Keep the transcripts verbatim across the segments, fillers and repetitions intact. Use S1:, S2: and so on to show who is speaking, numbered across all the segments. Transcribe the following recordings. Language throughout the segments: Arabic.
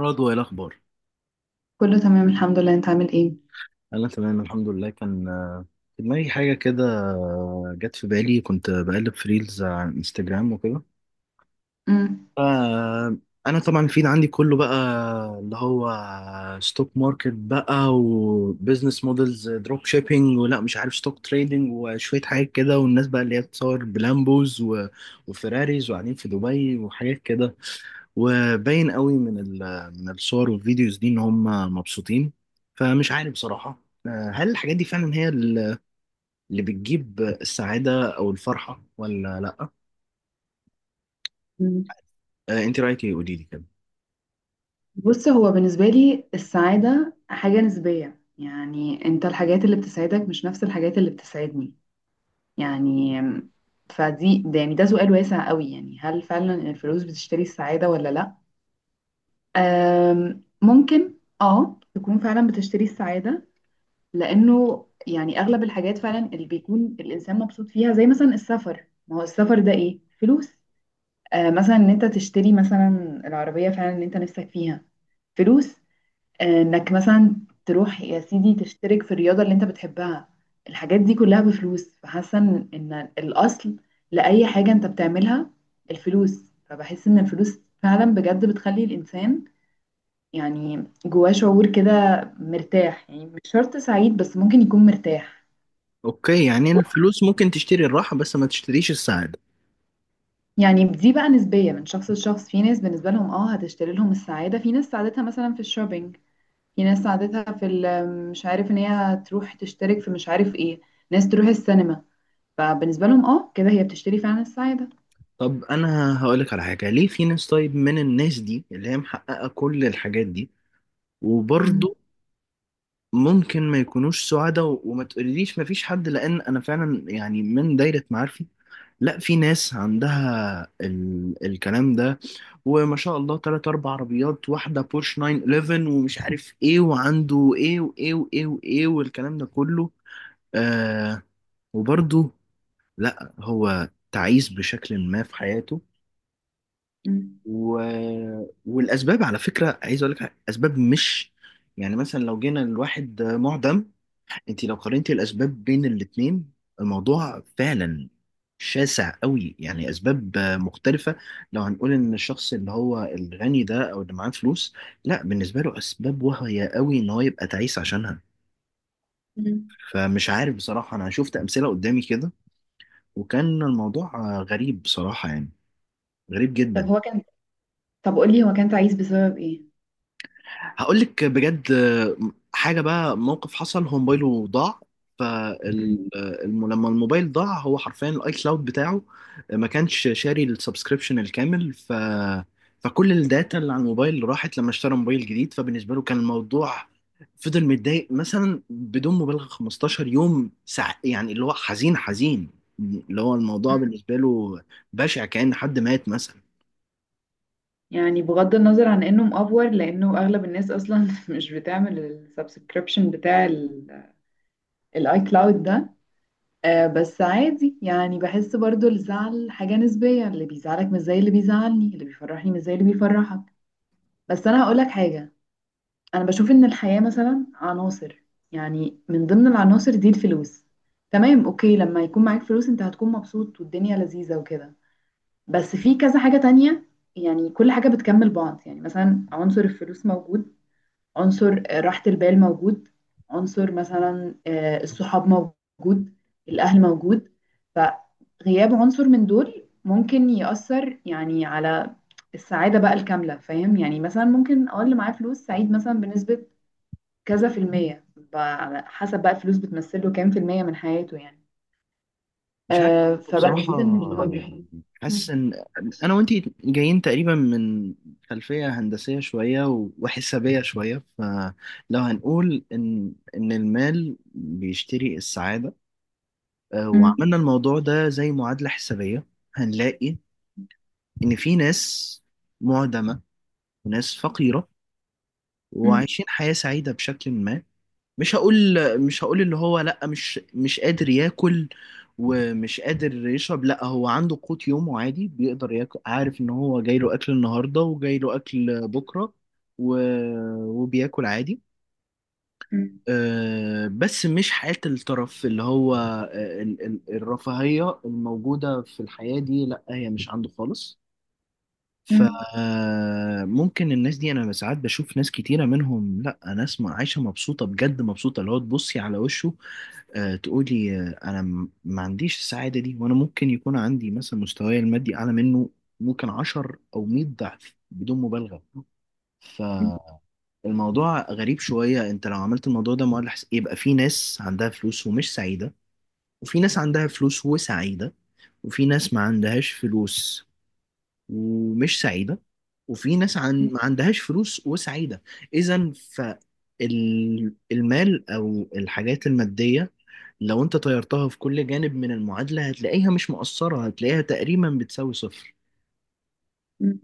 S1: رضوى، ايه الاخبار؟
S2: كله تمام الحمد لله. انت عامل ايه؟
S1: انا تمام الحمد لله. كان آه، في دماغي حاجه كده، آه، جت في بالي. كنت بقلب في ريلز على انستجرام وكده.
S2: امم
S1: آه، انا طبعا الفيد عندي كله بقى اللي هو ستوك ماركت بقى وبزنس مودلز، دروب شيبينج، ولا مش عارف ستوك تريدنج وشويه حاجات كده. والناس بقى اللي هي بتصور بلامبوز و- وفيراريز وقاعدين في دبي وحاجات كده، وباين قوي من ال- من الصور والفيديوز دي ان هم مبسوطين. فمش عارف بصراحة، آه، هل الحاجات دي فعلا هي ال- اللي بتجيب السعادة او الفرحة ولا لا؟
S2: مم.
S1: آه، انت رأيك ايه، قولي لي كده.
S2: بص، هو بالنسبة لي السعادة حاجة نسبية. يعني انت الحاجات اللي بتسعدك مش نفس الحاجات اللي بتسعدني. يعني فدي ده يعني ده سؤال واسع قوي. يعني هل فعلا الفلوس بتشتري السعادة ولا لا؟ أم ممكن اه تكون فعلا بتشتري السعادة. لانه يعني اغلب الحاجات فعلا اللي بيكون الانسان مبسوط فيها زي مثلا السفر، ما هو السفر ده ايه؟ فلوس. آه، مثلا ان انت تشتري مثلا العربية فعلا اللي انت نفسك فيها، فلوس. آه، انك مثلا تروح يا سيدي تشترك في الرياضة اللي انت بتحبها، الحاجات دي كلها بفلوس. فحاسة ان إن الاصل لأي حاجة انت بتعملها الفلوس. فبحس ان الفلوس فعلا بجد بتخلي الانسان يعني جواه شعور كده مرتاح، يعني مش شرط سعيد بس ممكن يكون مرتاح.
S1: اوكي، يعني الفلوس ممكن تشتري الراحة بس ما تشتريش السعادة.
S2: يعني دي بقى نسبية من شخص لشخص. في ناس بالنسبة لهم اه هتشتري لهم السعادة، في ناس سعادتها مثلا في الشوبينج، في ناس عادتها في ال- مش عارف ان هي تروح تشترك في مش عارف ايه، ناس تروح السينما. فبالنسبة لهم اه كده هي بتشتري فعلا السعادة.
S1: طب انا هقولك على حاجة، ليه في ناس طيب من الناس دي اللي هي محققة كل الحاجات دي
S2: مم.
S1: وبرضه ممكن ما يكونوش سعداء؟ و- وما تقوليليش ما فيش حد، لان انا فعلا يعني من دايرة معارفي، لا، في ناس عندها ال... الكلام ده، وما شاء الله تلات أربع عربيات، واحدة بورش نايِن ون ون، ومش عارف إيه، وعنده إيه وإيه وإيه وإيه والكلام ده كله، آه وبرضه لا، هو تعيس بشكل ما في حياته.
S2: مم.
S1: و... والأسباب على فكرة، عايز أقول لك حاجة، أسباب مش يعني مثلا لو جينا الواحد معدم، انت لو قارنتي الاسباب بين الاتنين، الموضوع فعلا شاسع قوي، يعني اسباب آه، مختلفه. لو هنقول ان الشخص اللي هو الغني ده او اللي معاه فلوس، لا، بالنسبه له اسباب واهيه قوي ان هو يبقى تعيس عشانها.
S2: مم.
S1: فمش عارف بصراحه، انا شفت امثله قدامي كده، وكان الموضوع آه، غريب بصراحه، يعني غريب
S2: طب
S1: جدا.
S2: هو كان، طب قولي هو كان تعيس بسبب ايه؟
S1: هقول لك بجد حاجه بقى. موقف حصل، هو موبايله ضاع.
S2: مم.
S1: فلما الموبايل ضاع، هو حرفيا الاي كلاود بتاعه ما كانش شاري السبسكريبشن الكامل، ف فكل الداتا اللي على الموبايل راحت. لما اشترى موبايل جديد، فبالنسبه له كان الموضوع، فضل متضايق مثلا بدون مبالغه 15 يوم، سع... يعني اللي هو حزين حزين، اللي هو الموضوع
S2: مم.
S1: بالنسبه له بشع، كأن حد مات.
S2: يعني بغض النظر عن انه مأفور لانه اغلب الناس اصلا مش بتعمل السبسكريبشن بتاع الاي كلاود ده. آه بس عادي، يعني بحس برضو الزعل حاجة نسبية، اللي بيزعلك مش زي اللي بيزعلني، اللي بيفرحني مش زي اللي بيفرحك. بس انا هقولك حاجة، انا بشوف ان الحياة مثلا عناصر. يعني من ضمن العناصر دي الفلوس. تمام، اوكي، لما يكون معاك فلوس انت هتكون مبسوط والدنيا لذيذة وكده. بس في كذا حاجة تانية. يعني كل حاجة بتكمل بعض. يعني مثلا عنصر الفلوس موجود، عنصر آه، راحة البال موجود، عنصر مثلا آه، الصحاب موجود، الاهل موجود. فغياب عنصر من دول ممكن يأثر يعني على السعادة بقى الكاملة، فاهم؟ يعني مثلا ممكن اه اللي معاه فلوس سعيد مثلا بنسبة كذا في المية، ب- على حسب بقى الفلوس بتمثله كام في المية من حياته يعني.
S1: مش عارف
S2: آه
S1: بصراحة،
S2: فبحس ان
S1: يعني حاسس
S2: مم.
S1: إن أنا وأنتي جايين تقريبا من خلفية هندسية شوية و- وحسابية شوية. فلو هنقول إن إن المال بيشتري السعادة، آه،
S2: مم.
S1: وعملنا الموضوع ده زي معادلة حسابية، هنلاقي إن في ناس معدمة وناس فقيرة
S2: مم.
S1: وعايشين حياة سعيدة بشكل ما. مش هقول مش هقول اللي هو لا، مش مش قادر ياكل ومش قادر يشرب، لا، هو عنده قوت يومه عادي، بيقدر ياكل، عارف ان هو جاي له اكل النهارده وجاي له اكل بكره، و... وبياكل عادي.
S2: مم.
S1: أه، بس مش حياة الترف. اللي هو آه، ال- ال- الرفاهية الموجودة في الحياة دي، لا، هي مش عنده خالص.
S2: مم.
S1: فممكن الناس دي، انا ساعات بشوف ناس كتيرة منهم، لا ناس ما- عايشة مبسوطة، بجد مبسوطة، اللي هو تبصي على وشه، آه، تقولي، آه، انا م- ما عنديش السعاده دي، وانا ممكن يكون عندي مثلا مستواي المادي اعلى منه، ممكن عشر او مئة ضعف بدون مبالغه. فالموضوع غريب شويه، انت لو عملت الموضوع ده مؤلم، حس- يبقى في ناس عندها فلوس ومش سعيده، وفي ناس عندها فلوس وسعيده، وفي ناس ما عندهاش فلوس ومش سعيده، وفي ناس عن
S2: مم.
S1: ما عندهاش فلوس وسعيده. اذا فالمال او الحاجات الماديه، لو انت طيرتها في كل جانب من المعادلة، هتلاقيها مش مقصرة، هتلاقيها تقريبا بتساوي صفر.
S2: مم.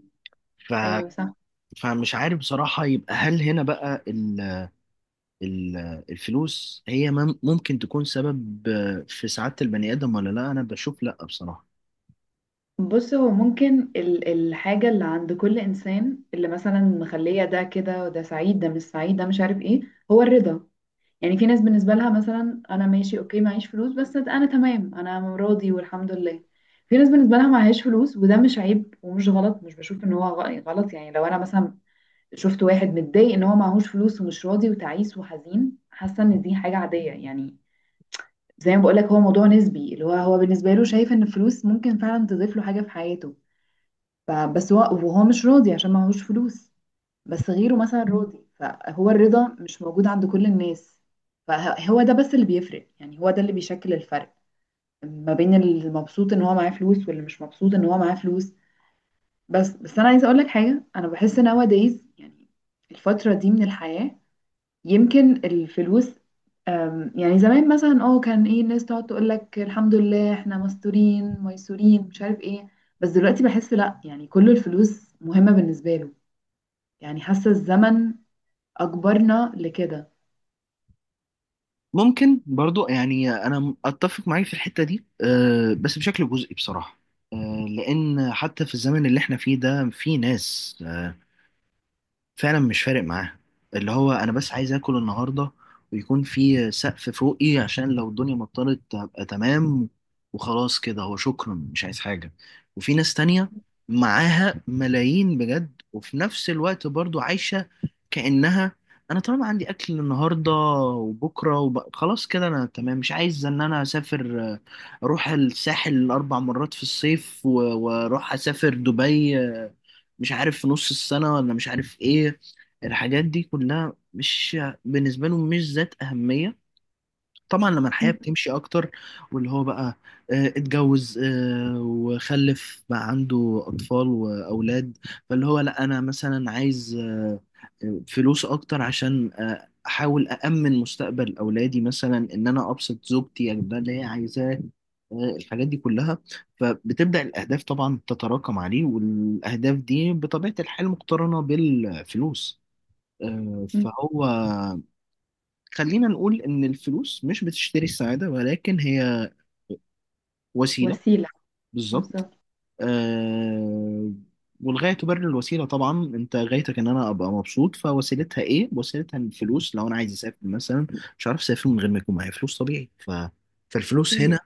S1: ف...
S2: ايوه صح.
S1: فمش عارف بصراحة. يبقى هل هنا بقى ال... ال... الفلوس هي مم... ممكن تكون سبب في سعادة البني آدم ولا لا؟ أنا بشوف لا بصراحة.
S2: بص هو ممكن ال- الحاجة اللي عند كل انسان اللي مثلا مخلية ده كده وده سعيد ده مش سعيد ده مش عارف ايه، هو الرضا. يعني في ناس بالنسبة لها مثلا أنا ماشي أوكي معيش فلوس بس أنا تمام، أنا راضي والحمد لله. في ناس بالنسبة لها معهاش فلوس وده مش عيب ومش غلط، مش بشوف إن هو غ- غلط. يعني لو أنا مثلا شفت واحد متضايق إن هو معهوش فلوس ومش راضي وتعيس وحزين، حاسة إن دي حاجة عادية. يعني زي ما بقولك، هو موضوع نسبي. اللي هو هو بالنسبة له شايف إن الفلوس ممكن فعلا تضيف له حاجة في حياته، فبس هو وهو مش راضي عشان معهوش فلوس. بس غيره مثلا راضي، فهو الرضا مش موجود عند كل الناس. فهو ده بس اللي بيفرق، يعني هو ده اللي بيشكل الفرق ما بين المبسوط ان هو معاه فلوس واللي مش مبسوط ان هو معاه فلوس. بس بس انا عايزه اقول لك حاجه، انا بحس nowadays يعني الفتره دي من الحياه، يمكن الفلوس، أم، يعني زمان مثلا اه كان ايه الناس تقعد تقول لك الحمد لله احنا مستورين ميسورين مش عارف ايه. بس دلوقتي بحس لا، يعني كل الفلوس مهمه بالنسبه له. يعني حاسه الزمن أجبرنا لكده.
S1: ممكن برضو، يعني أنا أتفق معاك في الحتة دي، أه بس بشكل جزئي بصراحة. أه، لأن حتى في الزمن اللي احنا فيه ده في ناس آه، فعلا مش فارق معاها، اللي هو انا بس عايز اكل النهارده، ويكون في سقف فوقي عشان لو الدنيا مطرت ابقى تمام، وخلاص كده هو، شكرا، مش عايز حاجه. وفي ناس تانية معاها ملايين بجد، وفي نفس الوقت برضو عايشه كانها، انا طالما عندي اكل النهارده وبكره وب... خلاص كده انا تمام، مش عايز ان انا اسافر، آه، اروح الساحل اربع مرات في الصيف و- واروح اسافر دبي، مش عارف في نص السنة ولا مش عارف ايه، الحاجات دي كلها مش بالنسبة لهم مش ذات أهمية. طبعا لما الحياة
S2: مم.
S1: بتمشي أكتر، واللي هو بقى آه، اتجوز آه، وخلف، بقى عنده أطفال وأولاد، فاللي هو لأ، أنا مثلا عايز آه، آه، فلوس أكتر عشان آه، أحاول أأمن مستقبل أولادي، مثلا إن أنا أبسط زوجتي، أجيب لها اللي هي عايزاه، آه، الحاجات دي كلها. فبتبدأ الأهداف طبعا تتراكم عليه، والأهداف دي بطبيعة الحال مقترنة بالفلوس. آه،
S2: مم.
S1: فهو، خلينا نقول إن الفلوس مش بتشتري السعادة، ولكن هي وسيلة.
S2: وسيلة.
S1: بالظبط.
S2: بالظبط.
S1: آه، والغاية تبرر الوسيلة طبعا. أنت غايتك إن أنا أبقى مبسوط، فوسيلتها إيه؟ وسيلتها الفلوس. لو أنا عايز أسافر مثلا، مش عارف أسافر من غير ما يكون معايا فلوس، طبيعي. ف... فالفلوس
S2: أكيد.
S1: هنا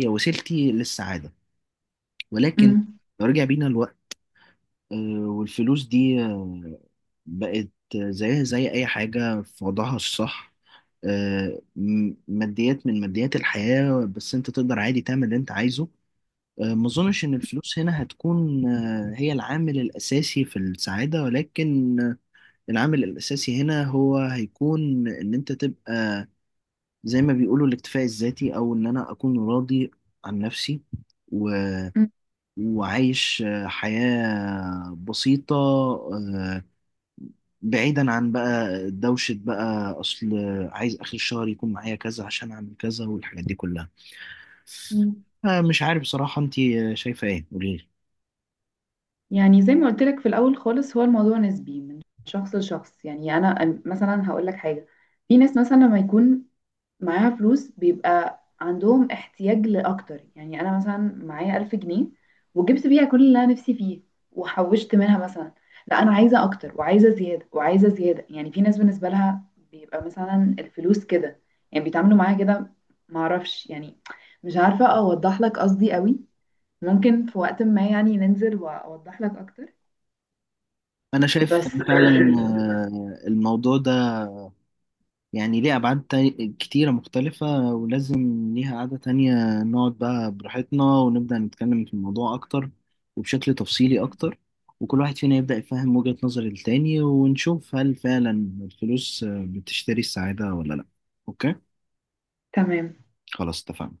S1: هي وسيلتي للسعادة. ولكن
S2: مم.
S1: لو رجع بينا، آه، والفلوس دي آه، بقت زيها زي أي حاجة في وضعها الصح، آه، م- ماديات من ماديات الحياة، بس أنت تقدر عادي تعمل اللي أنت عايزه. آه، ما أظنش إن الفلوس هنا هتكون آه، هي العامل الأساسي في السعادة، ولكن آه، العامل الأساسي هنا هو هيكون إن أنت تبقى، زي ما بيقولوا، الاكتفاء الذاتي، أو إن أنا أكون راضي عن نفسي و-
S2: مم.
S1: وعايش آه، حياة بسيطة، آه، بعيدا عن بقى دوشة بقى أصل عايز آخر الشهر يكون معايا كذا عشان أعمل كذا والحاجات دي كلها.
S2: مم.
S1: آه، مش عارف بصراحة، أنت شايفة إيه، قوليلي.
S2: يعني زي ما قلت لك في الأول خالص، هو الموضوع نسبي من شخص لشخص. يعني أنا أنا مثلا هقول لك حاجة. في ناس مثلا لما يكون معاها فلوس بيبقى عندهم احتياج لأكتر. يعني أنا مثلا معايا ألف جنيه وجبت بيها كل اللي أنا نفسي فيه وحوشت منها مثلا، لا أنا عايزة أكتر وعايزة زيادة وعايزة زيادة. يعني في ناس بالنسبة لها بيبقى مثلا الفلوس كده، يعني بيتعاملوا معاها كده، معرفش يعني. مش عارفة أوضح لك قصدي قوي، ممكن في وقت ما يعني ننزل وأوضح لك أكتر.
S1: أنا شايف
S2: بس
S1: فعلا آه، الموضوع ده يعني ليه أبعاد تا- كتيرة مختلفة، ولازم ليها قعدة تانية، نقعد بقى براحتنا، ونبدأ نتكلم في الموضوع أكتر وبشكل تفصيلي أكتر، وكل واحد فينا يبدأ يفهم وجهة نظر التاني، ونشوف هل فعلا الفلوس آه، بتشتري السعادة ولا لأ. أوكي؟
S2: تمام.
S1: خلاص اتفقنا.